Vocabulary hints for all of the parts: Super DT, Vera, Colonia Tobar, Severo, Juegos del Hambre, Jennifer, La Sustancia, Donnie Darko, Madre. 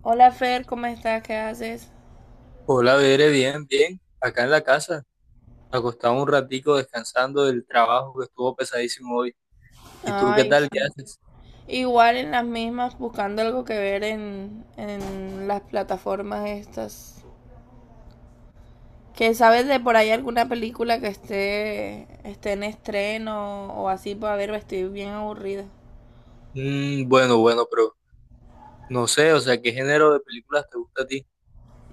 Hola Fer, ¿cómo estás? ¿Qué haces? Hola, Bere, bien, bien. Acá en la casa, acostado un ratico descansando del trabajo que estuvo pesadísimo hoy. ¿Y tú qué Ay, tal? sí. ¿Qué haces? Igual en las mismas, buscando algo que ver en las plataformas estas. ¿Que sabes de por ahí alguna película que esté en estreno o así? Para ver, estoy bien aburrida. Bueno, bueno, pero no sé, o sea, ¿qué género de películas te gusta a ti?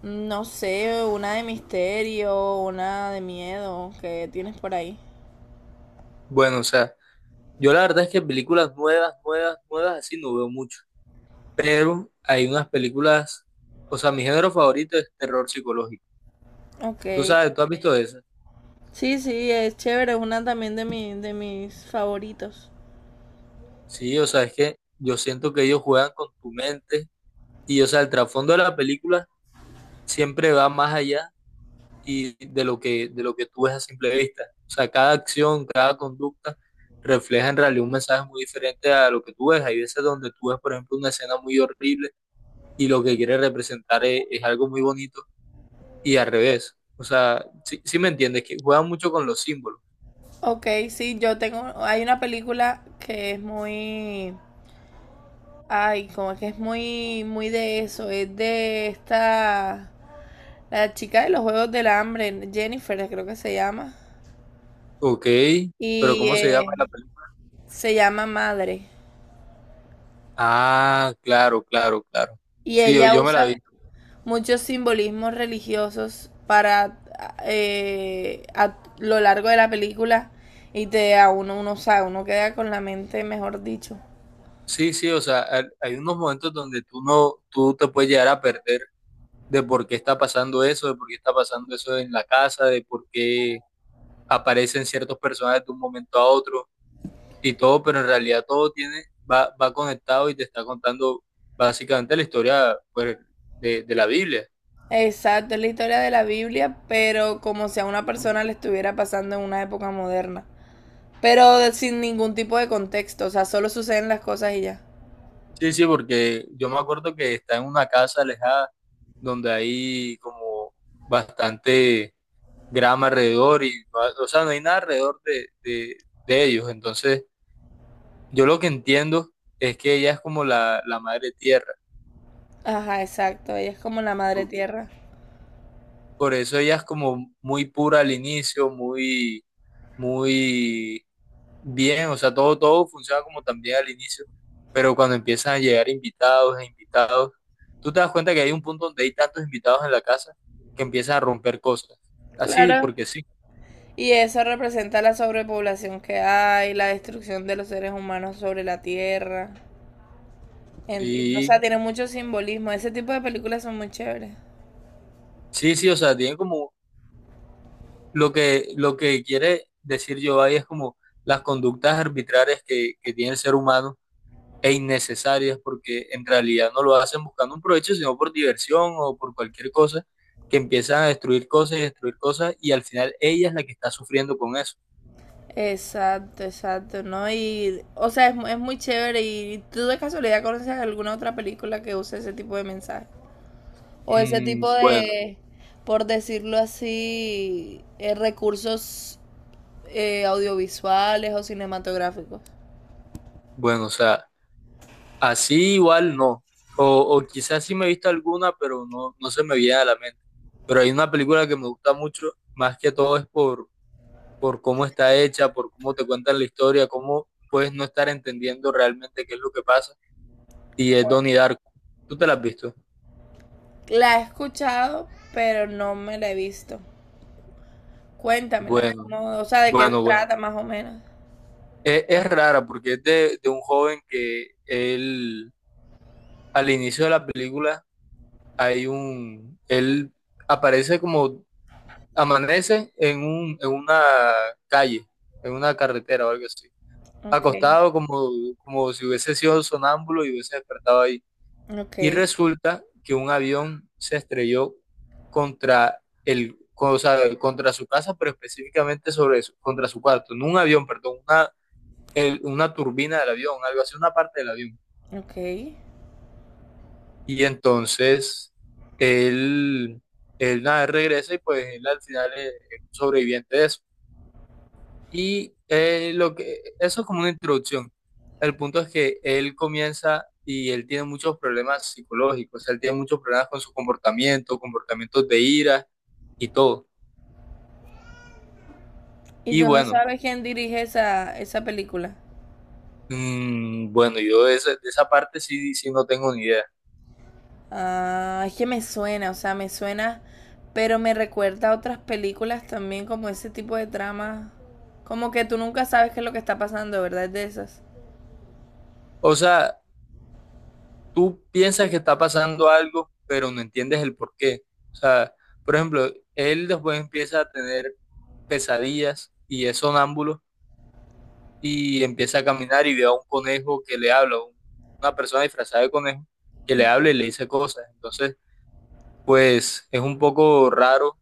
No sé, una de misterio, una de miedo que tienes por ahí. Bueno, o sea, yo la verdad es que películas nuevas, nuevas, nuevas, así no veo mucho. Pero hay unas películas, o sea, mi género favorito es terror psicológico. Ok. ¿Tú sabes? ¿Tú has visto eso? Sí, sí, es chévere, es una también de mis favoritos. Sí, o sea, es que yo siento que ellos juegan con tu mente y, o sea, el trasfondo de la película siempre va más allá y de lo que tú ves a simple vista. O sea, cada acción, cada conducta refleja en realidad un mensaje muy diferente a lo que tú ves. Hay veces donde tú ves, por ejemplo, una escena muy horrible y lo que quiere representar es algo muy bonito y al revés. O sea, sí, sí me entiendes, que juegan mucho con los símbolos. Ok, sí, hay una película que es muy, ay, como que es muy, muy de eso, es de esta, la chica de los Juegos del Hambre, Jennifer creo que se llama, Ok, pero y ¿cómo se llama la película? se llama Madre, Ah, claro, claro, claro. y Sí, yo, ella yo me la usa vi. muchos simbolismos religiosos para a lo largo de la película y uno sabe, uno queda con la mente, mejor dicho. Sí, sí, o sea, hay unos momentos donde tú no, tú te puedes llegar a perder de por qué está pasando eso, de por qué está pasando eso en la casa, de por qué aparecen ciertos personajes de un momento a otro y todo, pero en realidad todo tiene, va conectado y te está contando básicamente la historia pues, de la Biblia. Exacto, es la historia de la Biblia, pero como si a una persona le estuviera pasando en una época moderna. Pero sin ningún tipo de contexto, o sea, solo suceden las cosas y ya. Sí, sí, porque yo me acuerdo que está en una casa alejada donde hay como bastante grama alrededor y no o sea, no hay nada alrededor de ellos. Entonces, yo lo que entiendo es que ella es como la madre tierra. Ajá, exacto, ella es como la madre tierra. Por eso ella es como muy pura al inicio, muy, muy bien, o sea, todo funciona como también al inicio, pero cuando empiezan a llegar invitados e invitados, tú te das cuenta que hay un punto donde hay tantos invitados en la casa que empiezan a romper cosas. Así, Claro. porque sí, Y eso representa la sobrepoblación que hay, la destrucción de los seres humanos sobre la tierra. O sea, sí, tiene mucho simbolismo. Ese tipo de películas son muy chéveres. sí, sí, o sea, tienen como lo que quiere decir yo ahí es como las conductas arbitrarias que tiene el ser humano e innecesarias porque en realidad no lo hacen buscando un provecho, sino por diversión o por cualquier cosa, que empiezan a destruir cosas y al final ella es la que está sufriendo con eso. Exacto, exacto, ¿no? Y, o sea, es muy chévere. ¿Y tú de casualidad conoces alguna otra película que use ese tipo de mensaje? O ese tipo Bueno, de, por decirlo así, recursos audiovisuales o cinematográficos. bueno, o sea, así igual no. O, o quizás sí me he visto alguna, pero no se me viene a la mente. Pero hay una película que me gusta mucho, más que todo es por cómo está hecha, por cómo te cuentan la historia, cómo puedes no estar entendiendo realmente qué es lo que pasa. Y es Donnie Darko. ¿Tú te la has visto? La he escuchado, pero no me la he visto. Cuéntamela, Bueno, ¿cómo- o sea, de qué bueno, bueno. trata más o menos. Es rara porque es de un joven que él, al inicio de la película, hay un, él aparece como, amanece en un, en una calle, en una carretera o algo así, Ok, acostado como si hubiese sido sonámbulo y hubiese despertado ahí. ok, Y resulta que un avión se estrelló contra el, o sea, contra su casa, pero específicamente sobre eso, contra su cuarto, no un avión, perdón, una una turbina del avión, algo así, una parte del avión. ok. Y entonces él, él nada, regresa y pues él al final es sobreviviente de eso. Y eso es como una introducción. El punto es que él comienza y él tiene muchos problemas psicológicos, él tiene muchos problemas con su comportamiento, comportamientos de ira y todo. ¿Y Y tú no bueno, sabes quién dirige esa película? Bueno, yo de esa parte sí, no tengo ni idea. Ah, es que me suena, o sea, me suena, pero me recuerda a otras películas también, como ese tipo de trama. Como que tú nunca sabes qué es lo que está pasando, ¿verdad? Es de esas. O sea, tú piensas que está pasando algo, pero no entiendes el por qué. O sea, por ejemplo, él después empieza a tener pesadillas y es sonámbulo y empieza a caminar y ve a un conejo que le habla, una persona disfrazada de conejo que le habla y le dice cosas. Entonces, pues es un poco raro,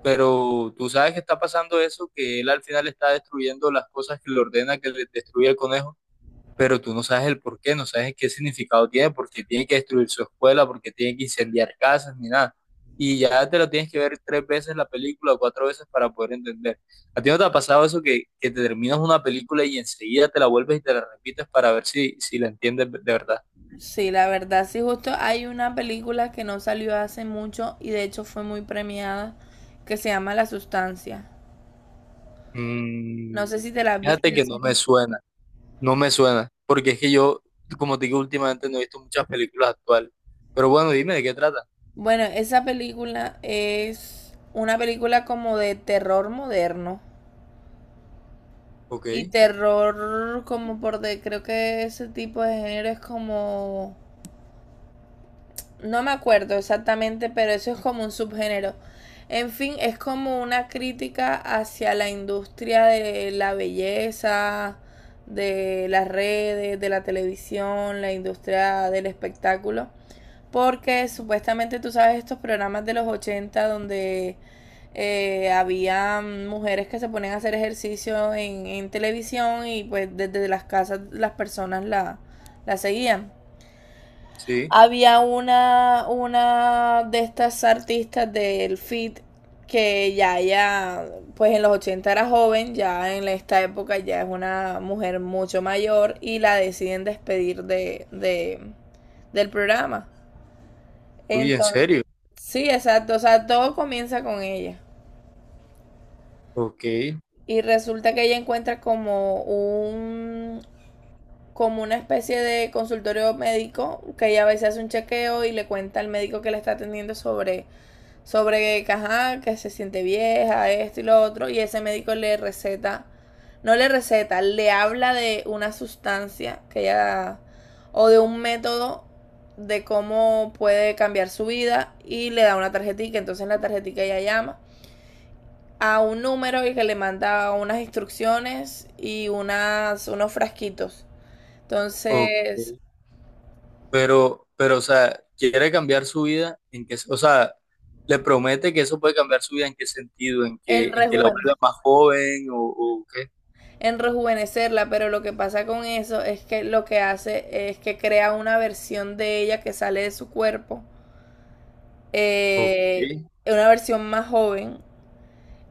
pero tú sabes que está pasando eso, que él al final está destruyendo las cosas que le ordena que le destruya el conejo, pero tú no sabes el por qué, no sabes qué significado tiene, porque tiene que destruir su escuela, porque tiene que incendiar casas, ni nada. Y ya te lo tienes que ver tres veces la película, cuatro veces para poder entender. ¿A ti no te ha pasado eso que te terminas una película y enseguida te la vuelves y te la repites para ver si la entiendes de verdad? Sí, la verdad, sí, justo hay una película que no salió hace mucho y de hecho fue muy premiada, que se llama La Sustancia. No Mm, sé si te la viste fíjate en que no me serio. suena, no me suena, porque es que yo, como te digo, últimamente no he visto muchas películas actuales. Pero bueno, dime de qué trata. Bueno, esa película es una película como de terror moderno. Ok, Y terror como por de, creo que ese tipo de género es como, no me acuerdo exactamente, pero eso es como un subgénero. En fin, es como una crítica hacia la industria de la belleza, de las redes, de la televisión, la industria del espectáculo. Porque supuestamente tú sabes estos programas de los 80 donde había mujeres que se ponían a hacer ejercicio en televisión y pues desde las casas las personas la seguían. sí. Había una de estas artistas del fit que pues en los 80 era joven, ya en esta época ya es una mujer mucho mayor y la deciden despedir de del programa. Uy, en Entonces, serio. sí, exacto. O sea, todo comienza con ella. Ok, Y resulta que ella encuentra como una especie de consultorio médico que ella a veces hace un chequeo y le cuenta al médico que la está atendiendo sobre que, ajá, que se siente vieja, esto y lo otro y ese médico le receta no le receta, le habla de una sustancia que ella o de un método de cómo puede cambiar su vida y le da una tarjetita, entonces en la tarjetita ella llama a un número y que le manda unas instrucciones y unos frasquitos. ok. Entonces, Pero, o sea, quiere cambiar su vida en que, o sea, le promete que eso puede cambiar su vida en qué sentido, en en que, en que la rejuvenecer, vuelva más joven o qué. en rejuvenecerla, pero lo que pasa con eso es que lo que hace es que crea una versión de ella que sale de su cuerpo, Ok, eh, una versión más joven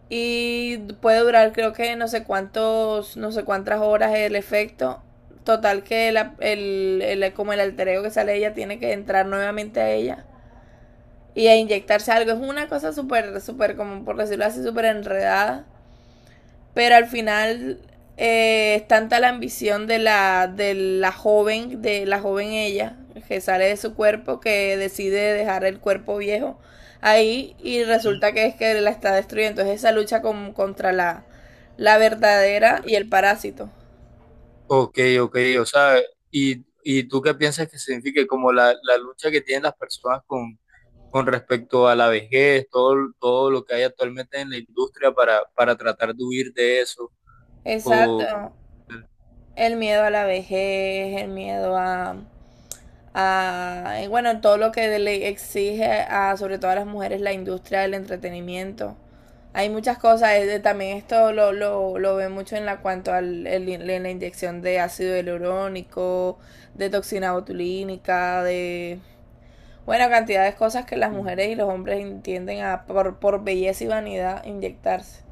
y puede durar creo que no sé cuántos, no sé cuántas horas el efecto. Total que como el alter ego que sale de ella tiene que entrar nuevamente a ella y a inyectarse algo. Es una cosa súper, súper, como por decirlo así, súper enredada. Pero al final es tanta la ambición de la joven ella, que sale de su cuerpo, que decide dejar el cuerpo viejo ahí y resulta sí. que es que la está destruyendo. Entonces esa lucha contra la, la verdadera y el parásito. Ok, ok, o sea, y tú qué piensas que signifique como la lucha que tienen las personas con respecto a la vejez, todo lo que hay actualmente en la industria para tratar de huir de eso, o, Exacto. El miedo a la vejez, el miedo a, bueno, todo lo que le exige a, sobre todo a las mujeres, la industria del entretenimiento. Hay muchas cosas, también esto lo ve mucho en la cuanto al en la inyección de ácido hialurónico, de toxina botulínica, de bueno cantidad de cosas que las mujeres y los hombres tienden a por belleza y vanidad inyectarse.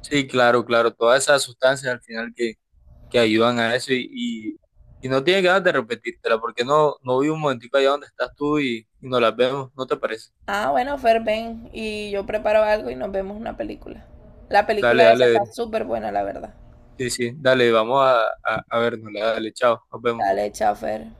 sí, claro, claro, todas esas sustancias al final que ayudan a eso y no tiene ganas de repetírtela, porque no vi un momentico allá donde estás tú y nos las vemos, ¿no te parece? Ah, bueno, Fer, ven y yo preparo algo y nos vemos una película. La película Dale, esa está dale, súper buena, la verdad. sí, sí, dale, vamos a vernos, dale, chao, nos vemos. Dale, chao, Fer.